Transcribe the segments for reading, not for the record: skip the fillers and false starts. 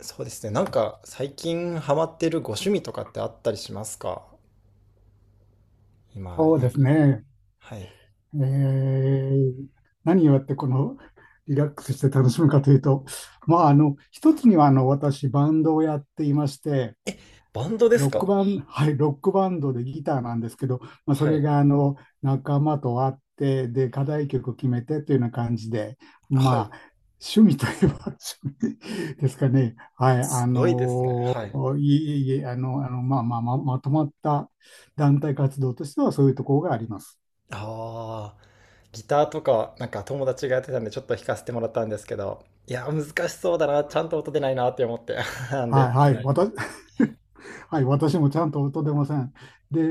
そうですね。なんか最近ハマってるご趣味とかってあったりしますかそうで今。すね。はい。えー何をやってこのリラックスして楽しむかというと、一つには私、バンドをやっていまして、バンドですロッか。クバン、はい、ロックバンドでギターなんですけど、そはれい。が仲間と会って、で、課題曲を決めてというような感じで、はい。まあ、趣味といえば 趣味ですかね。はい、すごいですね。はい。いえいえいえ、まとまった団体活動としてはそういうところがあります。ああ、ギターとか、なんか友達がやってたんでちょっと弾かせてもらったんですけど、いや、難しそうだな。ちゃんと音出ないなって思って。なんはい、で、ははい、い。私、はい、私もちゃんと音出ません。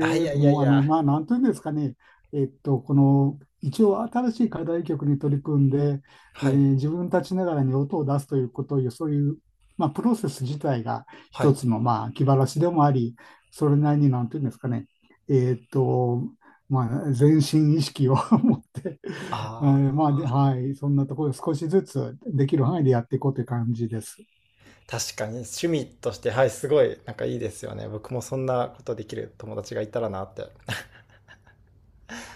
あ、いやいやもいう、あや。の、まあ、なんというんですかね、えっと、この、一応、新しい課題曲に取り組んで、はい。自分たちながらに音を出すということをいう、そういう、プロセス自体がは一い。つの、気晴らしでもあり、それなりに、なんというんですかね、えっと、まあ、全身意識を 持って、ああ、はい、そんなところ、少しずつできる範囲でやっていこうという感じです。確かに趣味として、はい、すごい、なんかいいですよね。僕もそんなことできる友達がいたらなって。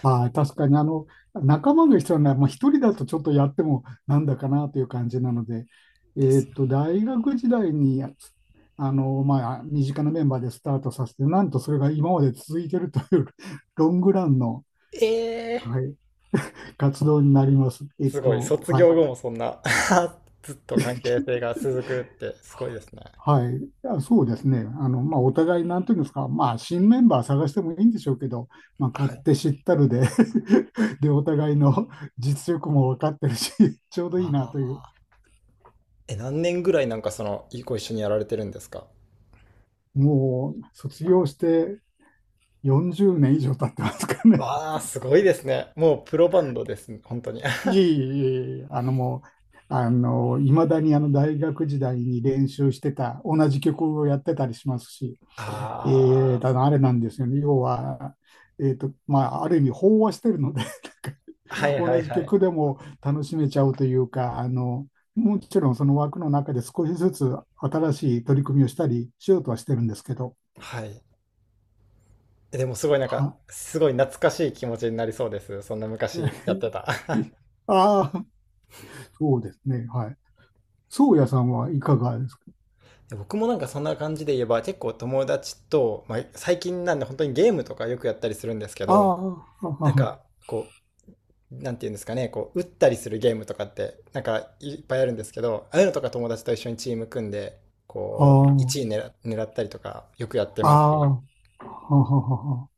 はい、確かに仲間が必要なら、一人だとちょっとやってもなんだかなという感じなので、ですよ。大学時代に身近なメンバーでスタートさせて、なんとそれが今まで続いてるという ロングランの、ええ、はい、活動になります。えっすごい。と、卒はい、業後もそんな ずっと関係性が続くってすごいですね。はい、あそうですね、お互い、なんていうんですか、まあ、新メンバー探してもいいんでしょうけど、まあ、勝はい。手知ったるで で、お互いの実力も分かってるし、ちょうどいいなあという、あ。え、何年ぐらいなんかその、ご一緒にやられてるんですか。もう卒業して40年以上経ってますかね。わあ、すごいですね。もうプロバンドですね、本当に。いえ いえいえいえ、あのもう、あの、いまだに大学時代に練習してた、同じ曲をやってたりしますし、あたあ、だあれなんですよね。要は、ある意味飽和してるので、はないんかは同いじはい。曲でも楽しめちゃうというか、もちろんその枠の中で少しずつ新しい取り組みをしたりしようとはしてるんですけど、はい。え、でもすごいなんか、は、すごい懐かしい気持ちになりそうです。そんな昔やって た。ああ、そうですね。はい。宗谷さんはいかがですか？で僕もなんかそんな感じで言えば結構友達と、まあ、最近なんで本当にゲームとかよくやったりするんですけあど、あ、なんあかこなんていうんですかね、こう、打ったりするゲームとかって、なんかいっぱいあるんですけど、ああいうのとか友達と一緒にチーム組んで、あ、こう、1位あ狙ったりとか、よくやってあ、あますあ、ね。はははは。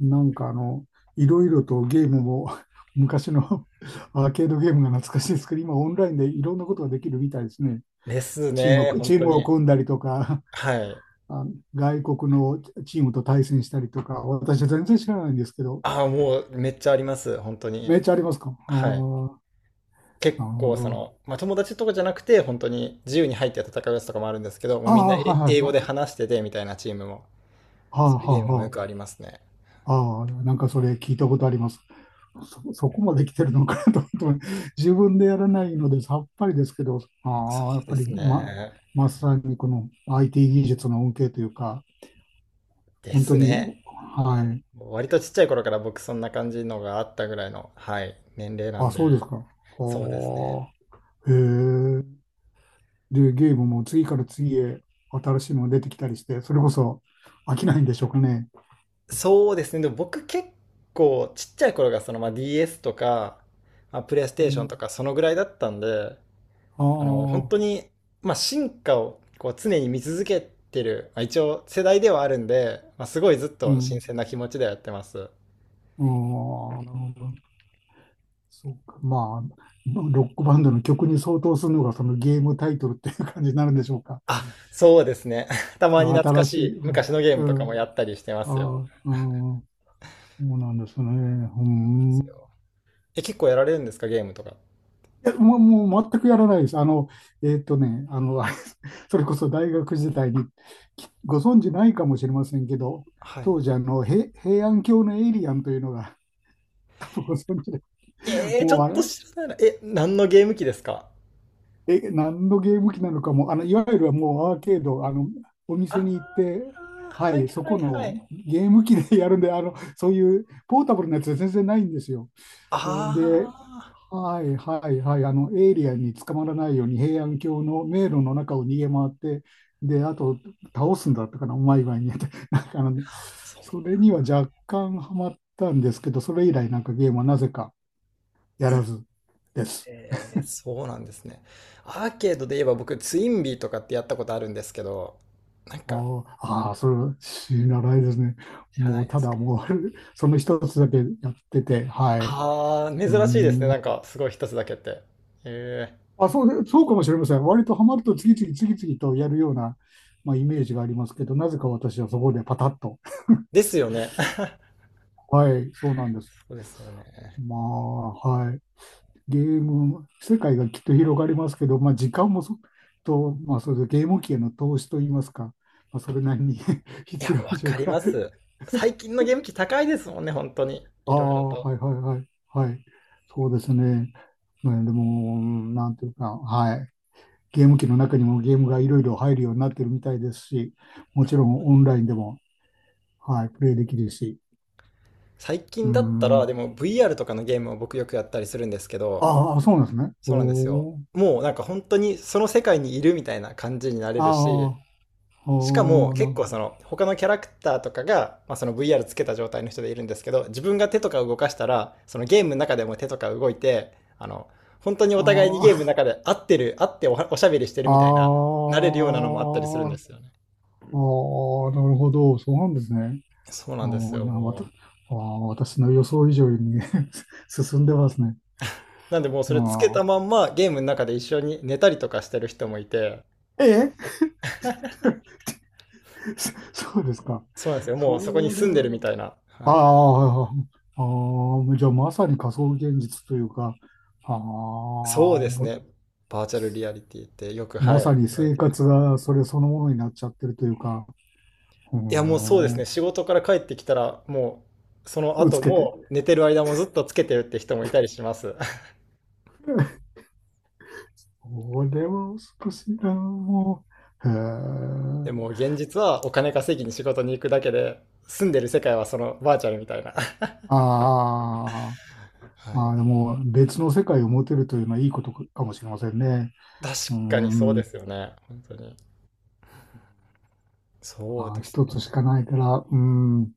なんかあの、いろいろとゲームも 昔の アーケードゲームが懐かしいですけど、今オンラインでいろんなことができるみたいですね。ですね、本チー当ムをに。組んだりとか、はい。あ外国のチームと対戦したりとか、私は全然知らないんですけど、ああ、もうめっちゃあります、本当に。めっちゃありますか？あはい。あ、結なるほ構、そど。の、まあ、友達とかじゃなくて、本当に自由に入って戦うやつとかもあるんですけど、もうあみんなあ、はいはい英語はでい。話しててみたいなチームも、はあそういうはゲあームもよはくありますね。あ。ああ、なんかそれ聞いたことあります。そこまで来てるのかなと思って、自分でやらないのでさっぱりですけど、ああ、やっでぱすりま、ね。まさにこの IT 技術の恩恵というか、で本当すに、ね。はい。割とちっちゃい頃から僕そんな感じのがあったぐらいの、はい、年齢なんあ、で、そうですか。そうですね。はあ。へえ。で、ゲームも次から次へ新しいのが出てきたりして、それこそ飽きないんでしょうかね。そうですね。でも僕、ちっちゃい頃がそのまあ DS とか、まあ、プレイスうテーションん、とかそのぐらいだったんで、ああの、本あ、当に、まあ、進化をこう常に見続けてる、まあ、一応世代ではあるんで、まあ、すごいずっうと新ん。鮮な気持ちではやってます。ああ、なるほど。そうか、まあ、ロックバンドの曲に相当するのがそのゲームタイトルっていう感じになるんでしょうか。あ、そうですね。たまにあ懐か新ししい。いう昔ん、のゲームとうかもん、やったりしてますよ。あ、でうん、そうなんですね。うすん。よ。え、結構やられるんですか、ゲームとか。いや、もう全くやらないです。えーっとね、あの、それこそ大学時代にきご存知ないかもしれませんけど、はい。当時あの、へ平安京のエイリアンというのが ご存知で、ええー、ちもょうっあとれ、知らないな。え、何のゲーム機ですか。え、何のゲーム機なのかも、あの、いわゆるもうアーケード、あの、おあ店に行って、あ、ははいい、そはこいはのい。ゲーム機で やるんで、あの、そういうポータブルなやつは全然ないんですよ。あそれで、あ、はいはいはい、あの、エイリアンに捕まらないように平安京の迷路の中を逃げ回って、で、あと、倒すんだったかな、うまい具合にやって、なんかあの、そう、それには若干ハマったんですけど、それ以来なんかゲームはなぜかやらずです。えー、そうなんですね。アーケードで言えば僕、ツインビーとかってやったことあるんですけど、なんか、ああ、ああそれは知らないですね。知らもないう、でたすだか。もう その一つだけやってて、はい。うああ、珍ーしいですね。ん。なんか、すごい一つだけって。ええ。あ、そうで、そうかもしれません。割とハマると次々次々とやるような、まあ、イメージがありますけど、なぜか私はそこでパタッと。ですよね。はい、そうなんです。そうですよね。まあ、はい。ゲーム、世界がきっと広がりますけど、まあ、時間もそ、と、まあ、それでゲーム機への投資といいますか、まあ、それなりに いいいい必要でわしょうかりから。ます。最近のゲーム機高いですもんね、本当に、あいろいろあ、と。はいはいはい。はい。そうですね。ねでも、なんていうか、はい。ゲーム機の中にもゲームがいろいろ入るようになってるみたいですし、もちろんオンラインでも、はい、プレイできるし。最う近だったら、ん。でも VR とかのゲームを僕よくやったりするんですけど、ああ、そうなんですね。そうなんですよ。おー。もうなんか本当にその世界にいるみたいな感じになれるし、ああ、しかもほー結な。構その他のキャラクターとかが、まあ、その VR つけた状態の人でいるんですけど、自分が手とか動かしたら、そのゲームの中でも手とか動いて、あの、本当にお互いにあゲームのあ、中で合ってる、合っておしゃべりしてるあみたいな、あ、なれるようなのもあったりするんあですあ、よね。なるほど。そうなんですね。そうあなんですあ、よ、あもう。あ、私の予想以上に 進んでますね。なんでもうそあれつけたまあ。んまゲームの中で一緒に寝たりとかしてる人もいて、ええ そうですか。そうなんですよ。もうそこにそれ住んでるは、みたいな。はい。ああ、ああ、じゃあまさに仮想現実というか、ああ、そうですぼね。バーチャルリアリティってよく、はまさい、に言われ生てま活す。がそれそのものになっちゃってるというか、ういや、もうそうでーすん、すね。仕事から帰ってきたら、もう、そのぐつ後けて。も寝てる間もずっとつけてるって人もいたりします。これは少しな、もう。へでえ。も現実はお金稼ぎに仕事に行くだけで、住んでる世界はそのバーチャルみたいな。ああ、はまあい。でも別の世界を持てるというのはいいことかもしれませんね。う確かにそうん、でますよね。本当に。そうあでーす一つしね。かないから、うん、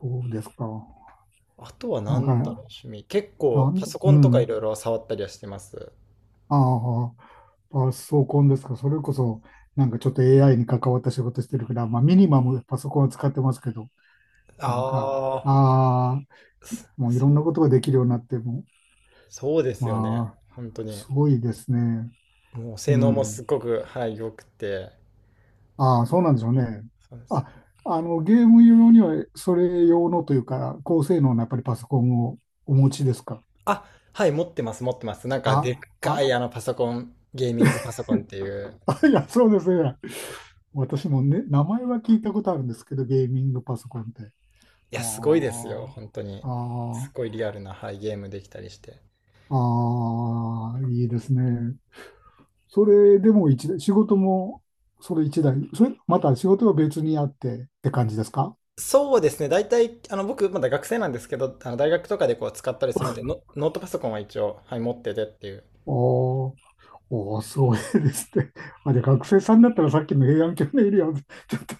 そうですか。あとはなんか、何だろう、趣味。結構なんパでソコうンとかいん、ろいろ触ったりはしてます。ああ。パソコンですか。それこそ、なんかちょっと AI に関わった仕事してるから、まあミニマムパソコンは使ってますけど、なんか、あああ、あ、もういろんそなう、ことができるようになっても、そうですよね。まあ、本当に。すごいですね。もう性う能もん。すっごく、はい、良くて。ああ、そうなんでしょうね。そうですよ。あ、あの、ゲーム用には、それ用のというか、高性能なやっぱりパソコンをお持ちですか？あ、はい、持ってます、持ってます。なんか、でっあ、かあ、いあのパソコン、ゲーミングパソコンっていう。あ、いや、そうですね。私もね、名前は聞いたことあるんですけど、ゲーミングパソコンって。いや、すごいですよ、あ本当に。すあ、あごいリアルな、はい、ゲームできたりして。あ、ああ、いいですね。それでも一台、仕事もそれ一台、それ、また仕事は別にあってって感じですか？そうですね、大体、あの、僕、まだ学生なんですけど、あの大学とかでこう使ったりするんで、ノートパソコンは一応、はい、持っててっていう。おーおー、すごいですね。まあ、で、学生さんだったらさっきの平安京のエリア、ちょっと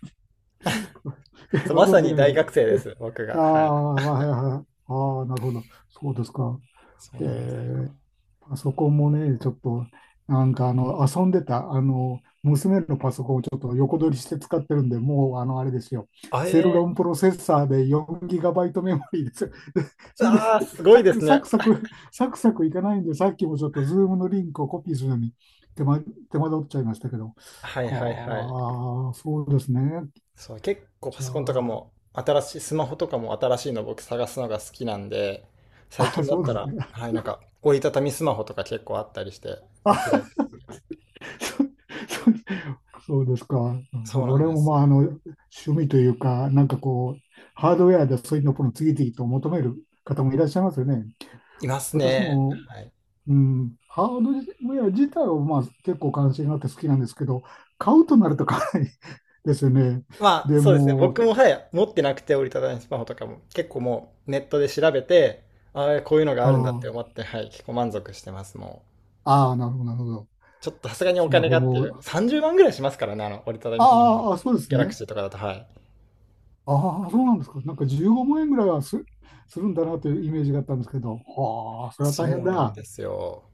えそう、ごまさ存知にないでし大ょ。学生でえす、僕あが。はい。あ、はいはいはい。ああ、なるほど。そうですか。そうへなんですよ。えパソコンもね、ちょっと、なんかあの、遊んでた、あの、娘のパソコンをちょっと横取りして使ってるんで、もう、あの、あれですよ、あ、セルえロンプロセッサーで 4GB メモリーですよ。ー、それで、あー、すごいですね。サクいかないんで、さっきもちょっと、ズームのリンクをコピーするのに手間、手間取っちゃいましたけど、はいはいはい。はあ、そうですね。そう、結構パじゃソコンとかあ、も新しい、スマホとかも新しいの僕探すのが好きなんで、最あ、近だっそうたですら、ね。はい、なんか折りたたみスマホとか結構あったりして、こう開いて。そうそうそうですか。そそううなん俺でもすよ。趣味というか、なんかこう、ハードウェアでそういうのを次々と求める方もいらっしゃいますよね。います私ね。も、はい。うん、ハードウェア自体はまあ結構関心があって好きなんですけど、買うとなるとかなり ですよね。まあ、でそうですね。僕も、も、はい、持ってなくて折りたたみスマホとかも結構もうネットで調べて、ああ、こういうのがあるんだってあ思って、はい、結構満足してます、もう。あ、ああ、なるほど、なるほど。ちょっとさすがにおスマ金ホがっていう、も、30万ぐらいしますからね、あの折りたたみスマホの。ギああ、そうですャラクシね。ーとかだと、はい。ああ、そうなんですか。なんか15万円ぐらいはす、するんだなというイメージがあったんですけど、はあ、それは大変そうなんだ。ですよ。